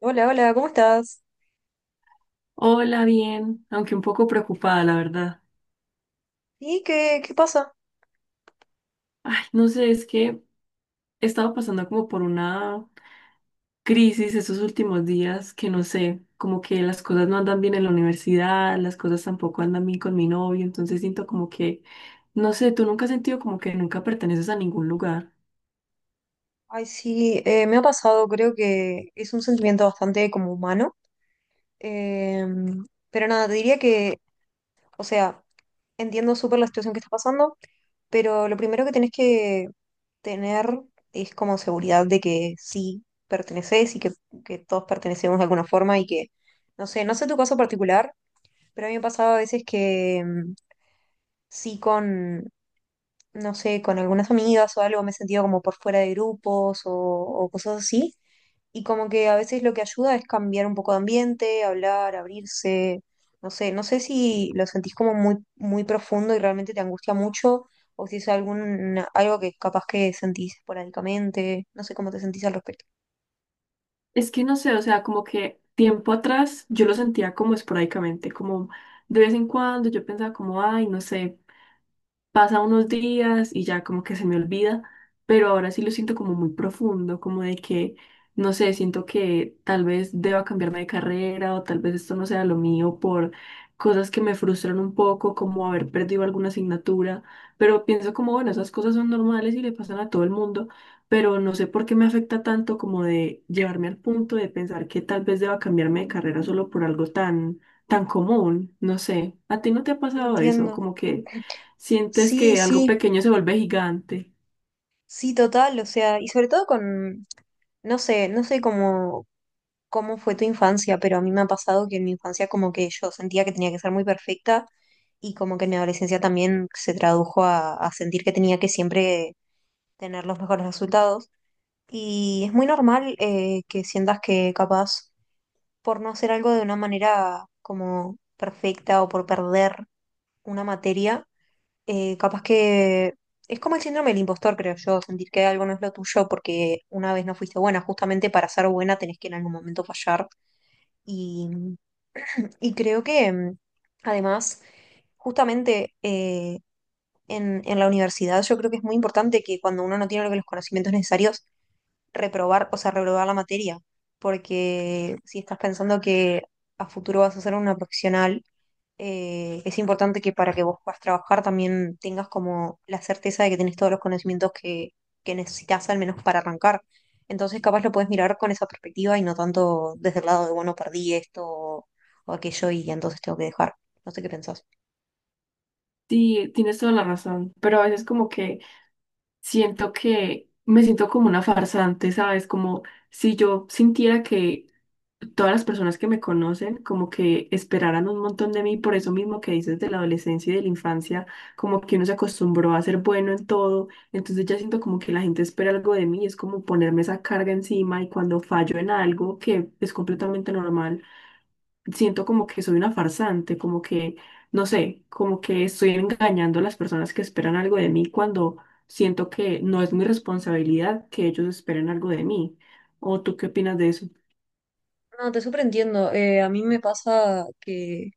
Hola, hola, ¿cómo estás? Hola, bien, aunque un poco preocupada, la verdad. ¿Y qué pasa? Ay, no sé, es que he estado pasando como por una crisis estos últimos días, que no sé, como que las cosas no andan bien en la universidad, las cosas tampoco andan bien con mi novio, entonces siento como que, no sé, tú nunca has sentido como que nunca perteneces a ningún lugar. Ay, sí, me ha pasado, creo que es un sentimiento bastante como humano. Eh, pero nada, te diría que, o sea, entiendo súper la situación que está pasando, pero lo primero que tenés que tener es como seguridad de que sí perteneces y que todos pertenecemos de alguna forma y que, no sé, no sé tu caso particular, pero a mí me pasaba a veces que sí con no sé, con algunas amigas o algo, me he sentido como por fuera de grupos o cosas así. Y como que a veces lo que ayuda es cambiar un poco de ambiente, hablar, abrirse, no sé, no sé si lo sentís como muy profundo y realmente te angustia mucho o si es algún, algo que capaz que sentís esporádicamente, no sé cómo te sentís al respecto. Es que no sé, o sea, como que tiempo atrás yo lo sentía como esporádicamente, como de vez en cuando yo pensaba como, ay, no sé. Pasa unos días y ya como que se me olvida, pero ahora sí lo siento como muy profundo, como de que, no sé, siento que tal vez deba cambiarme de carrera o tal vez esto no sea lo mío por cosas que me frustran un poco, como haber perdido alguna asignatura, pero pienso como, bueno, esas cosas son normales y le pasan a todo el mundo, pero no sé por qué me afecta tanto como de llevarme al punto de pensar que tal vez deba cambiarme de carrera solo por algo tan, tan común, no sé, ¿a ti no te ha pasado eso? Entiendo. Como que... Sientes Sí, que algo sí, pequeño se vuelve gigante. sí, total, o sea, y sobre todo con, no sé, no sé cómo cómo fue tu infancia, pero a mí me ha pasado que en mi infancia como que yo sentía que tenía que ser muy perfecta y como que en mi adolescencia también se tradujo a sentir que tenía que siempre tener los mejores resultados. Y es muy normal que sientas que capaz por no hacer algo de una manera como perfecta o por perder una materia, capaz que es como el síndrome del impostor, creo yo, sentir que algo no es lo tuyo porque una vez no fuiste buena, justamente para ser buena tenés que en algún momento fallar. Y y creo que además, justamente en la universidad, yo creo que es muy importante que cuando uno no tiene los conocimientos necesarios, reprobar, o sea, reprobar la materia. Porque si estás pensando que a futuro vas a ser una profesional, es importante que para que vos puedas trabajar también tengas como la certeza de que tenés todos los conocimientos que necesitas al menos para arrancar. Entonces capaz lo puedes mirar con esa perspectiva y no tanto desde el lado de, bueno, perdí esto o aquello y entonces tengo que dejar. No sé qué pensás. Sí, tienes toda la razón, pero a veces como que siento que me siento como una farsante, ¿sabes? Como si yo sintiera que todas las personas que me conocen como que esperaran un montón de mí, por eso mismo que dices de la adolescencia y de la infancia, como que uno se acostumbró a ser bueno en todo, entonces ya siento como que la gente espera algo de mí, es como ponerme esa carga encima y cuando fallo en algo que es completamente normal, siento como que soy una farsante, como que, no sé, como que estoy engañando a las personas que esperan algo de mí cuando siento que no es mi responsabilidad que ellos esperen algo de mí. ¿O tú qué opinas de eso? No, te súper entiendo. A mí me pasa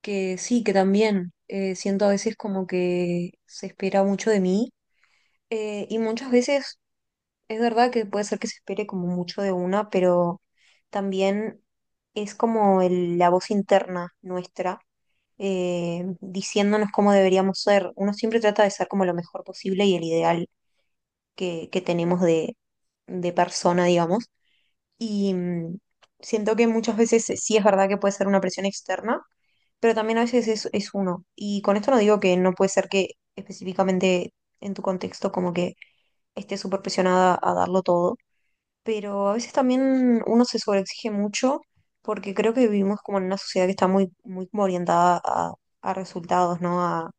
que sí, que también siento a veces como que se espera mucho de mí. Y muchas veces es verdad que puede ser que se espere como mucho de una, pero también es como la voz interna nuestra diciéndonos cómo deberíamos ser. Uno siempre trata de ser como lo mejor posible y el ideal que tenemos de persona, digamos. Y siento que muchas veces sí es verdad que puede ser una presión externa, pero también a veces es uno. Y con esto no digo que no puede ser que específicamente en tu contexto como que estés súper presionada a darlo todo, pero a veces también uno se sobreexige mucho porque creo que vivimos como en una sociedad que está muy como orientada a resultados, ¿no?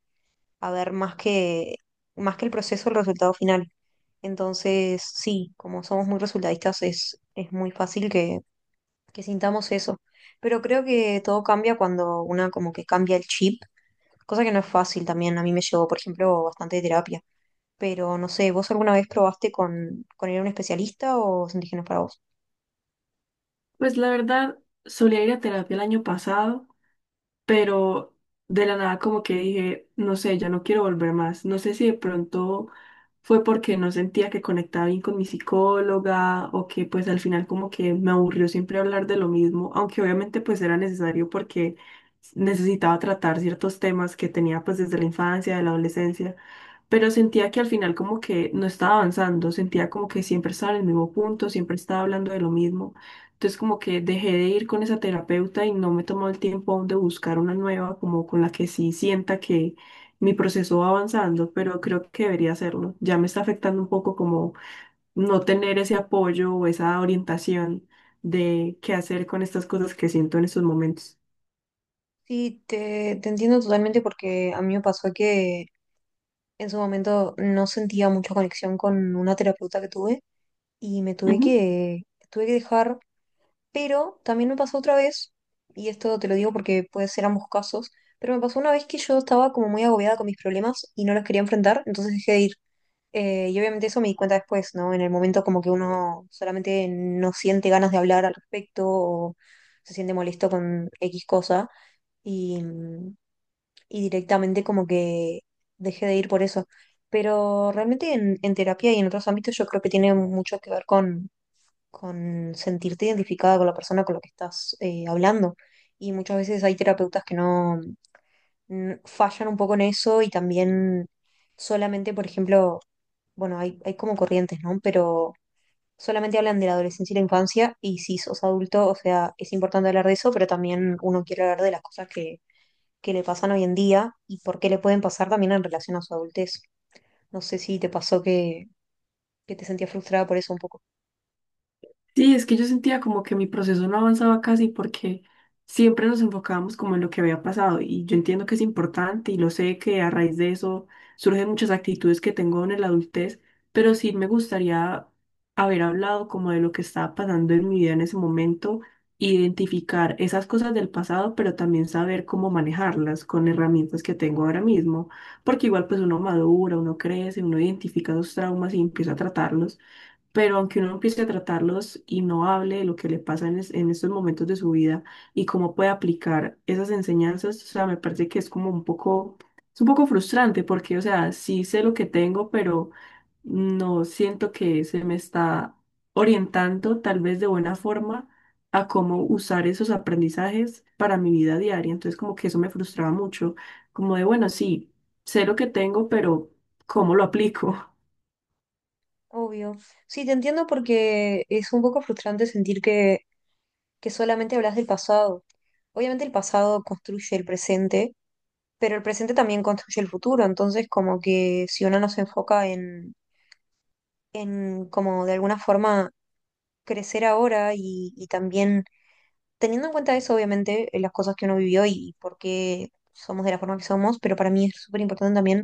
A ver más que el proceso, el resultado final. Entonces, sí, como somos muy resultadistas, es muy fácil que sintamos eso. Pero creo que todo cambia cuando una como que cambia el chip, cosa que no es fácil también. A mí me llevó, por ejemplo, bastante terapia. Pero no sé, ¿vos alguna vez probaste con ir a un especialista o sentís que no es para vos? Pues la verdad, solía ir a terapia el año pasado, pero de la nada como que dije, no sé, ya no quiero volver más. No sé si de pronto fue porque no sentía que conectaba bien con mi psicóloga o que pues al final como que me aburrió siempre hablar de lo mismo, aunque obviamente pues era necesario porque necesitaba tratar ciertos temas que tenía pues desde la infancia, de la adolescencia, pero sentía que al final como que no estaba avanzando, sentía como que siempre estaba en el mismo punto, siempre estaba hablando de lo mismo. Entonces como que dejé de ir con esa terapeuta y no me he tomado el tiempo aún de buscar una nueva, como con la que sí sienta que mi proceso va avanzando, pero creo que debería hacerlo. Ya me está afectando un poco como no tener ese apoyo o esa orientación de qué hacer con estas cosas que siento en estos momentos. Sí, te entiendo totalmente porque a mí me pasó que en su momento no sentía mucha conexión con una terapeuta que tuve y tuve que dejar, pero también me pasó otra vez, y esto te lo digo porque puede ser ambos casos, pero me pasó una vez que yo estaba como muy agobiada con mis problemas y no los quería enfrentar, entonces dejé de ir. Y obviamente eso me di cuenta después, ¿no? En el momento como que uno solamente no siente ganas de hablar al respecto o se siente molesto con X cosa. Y, y directamente como que dejé de ir por eso. Pero realmente en terapia y en otros ámbitos yo creo que tiene mucho que ver con sentirte identificada con la persona con la que estás hablando. Y muchas veces hay terapeutas que no fallan un poco en eso y también solamente, por ejemplo, bueno, hay como corrientes, ¿no? Pero solamente hablan de la adolescencia y la infancia y si sos adulto, o sea, es importante hablar de eso, pero también uno quiere hablar de las cosas que le pasan hoy en día y por qué le pueden pasar también en relación a su adultez. No sé si te pasó que te sentías frustrada por eso un poco. Sí, es que yo sentía como que mi proceso no avanzaba casi porque siempre nos enfocábamos como en lo que había pasado y yo entiendo que es importante y lo sé que a raíz de eso surgen muchas actitudes que tengo en la adultez, pero sí me gustaría haber hablado como de lo que estaba pasando en mi vida en ese momento, identificar esas cosas del pasado, pero también saber cómo manejarlas con herramientas que tengo ahora mismo, porque igual pues uno madura, uno crece, uno identifica los traumas y empieza a tratarlos. Pero aunque uno empiece a tratarlos y no hable de lo que le pasa en estos momentos de su vida y cómo puede aplicar esas enseñanzas, o sea, me parece que es como un poco, es un poco frustrante porque, o sea, sí sé lo que tengo, pero no siento que se me está orientando tal vez de buena forma a cómo usar esos aprendizajes para mi vida diaria. Entonces, como que eso me frustraba mucho, como de, bueno, sí, sé lo que tengo, pero ¿cómo lo aplico? Obvio. Sí, te entiendo porque es un poco frustrante sentir que solamente hablas del pasado. Obviamente el pasado construye el presente, pero el presente también construye el futuro. Entonces, como que si uno no se enfoca en como de alguna forma crecer ahora y también teniendo en cuenta eso, obviamente, las cosas que uno vivió y por qué somos de la forma que somos, pero para mí es súper importante también,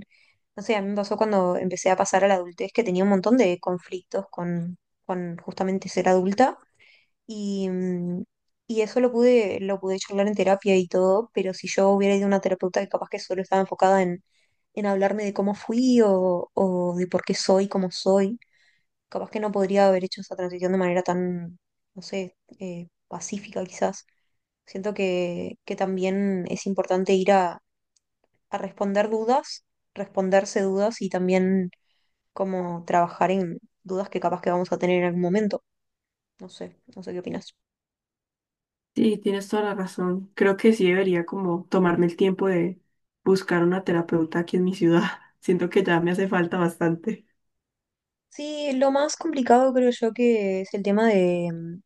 no sé, a mí me pasó cuando empecé a pasar a la adultez que tenía un montón de conflictos con justamente ser adulta y, y eso lo pude charlar en terapia y todo, pero si yo hubiera ido a una terapeuta que capaz que solo estaba enfocada en hablarme de cómo fui o de por qué soy como soy, capaz que no podría haber hecho esa transición de manera tan, no sé, pacífica quizás. Siento que también es importante ir a responder dudas, responderse dudas y también como trabajar en dudas que capaz que vamos a tener en algún momento. No sé, no sé qué opinas. Sí, tienes toda la razón. Creo que sí debería como tomarme el tiempo de buscar una terapeuta aquí en mi ciudad. Siento que ya me hace falta bastante. Sí, lo más complicado creo yo que es el tema de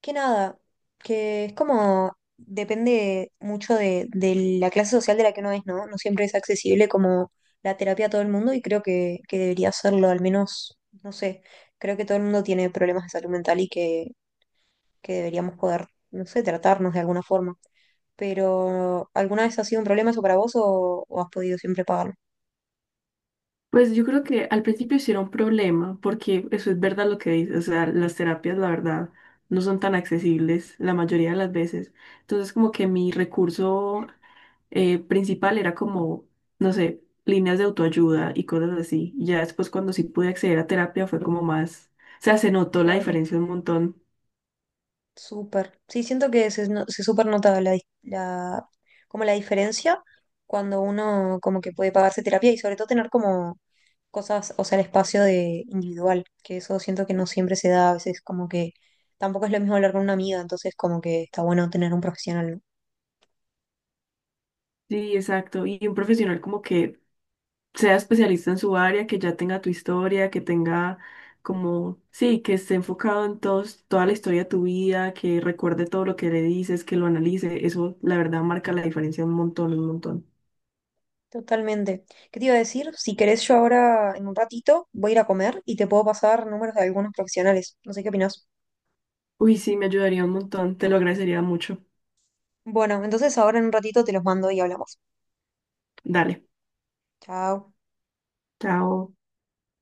que nada, que es como depende mucho de la clase social de la que uno es, ¿no? No siempre es accesible como la terapia a todo el mundo y creo que debería serlo, al menos, no sé, creo que todo el mundo tiene problemas de salud mental y que deberíamos poder, no sé, tratarnos de alguna forma. Pero, ¿alguna vez ha sido un problema eso para vos o has podido siempre pagarlo? Pues yo creo que al principio sí era un problema, porque eso es verdad lo que dices. O sea, las terapias, la verdad, no son tan accesibles la mayoría de las veces. Entonces, como que mi recurso principal era como, no sé, líneas de autoayuda y cosas así. Y ya después, cuando sí pude acceder a terapia, fue como más, o sea, se notó la Claro, diferencia un montón. súper. Sí, siento que se, se súper nota la, la, como la diferencia cuando uno como que puede pagarse terapia y sobre todo tener como cosas, o sea, el espacio de individual, que eso siento que no siempre se da, a veces como que tampoco es lo mismo hablar con una amiga, entonces como que está bueno tener un profesional. ¿No? Sí, exacto. Y un profesional como que sea especialista en su área, que ya tenga tu historia, que tenga como, sí, que esté enfocado en toda la historia de tu vida, que recuerde todo lo que le dices, que lo analice. Eso, la verdad, marca la diferencia un montón, un montón. Totalmente. ¿Qué te iba a decir? Si querés, yo ahora en un ratito voy a ir a comer y te puedo pasar números de algunos profesionales. No sé qué opinás. Uy, sí, me ayudaría un montón. Te lo agradecería mucho. Bueno, entonces ahora en un ratito te los mando y hablamos. Dale. Chao. Chao.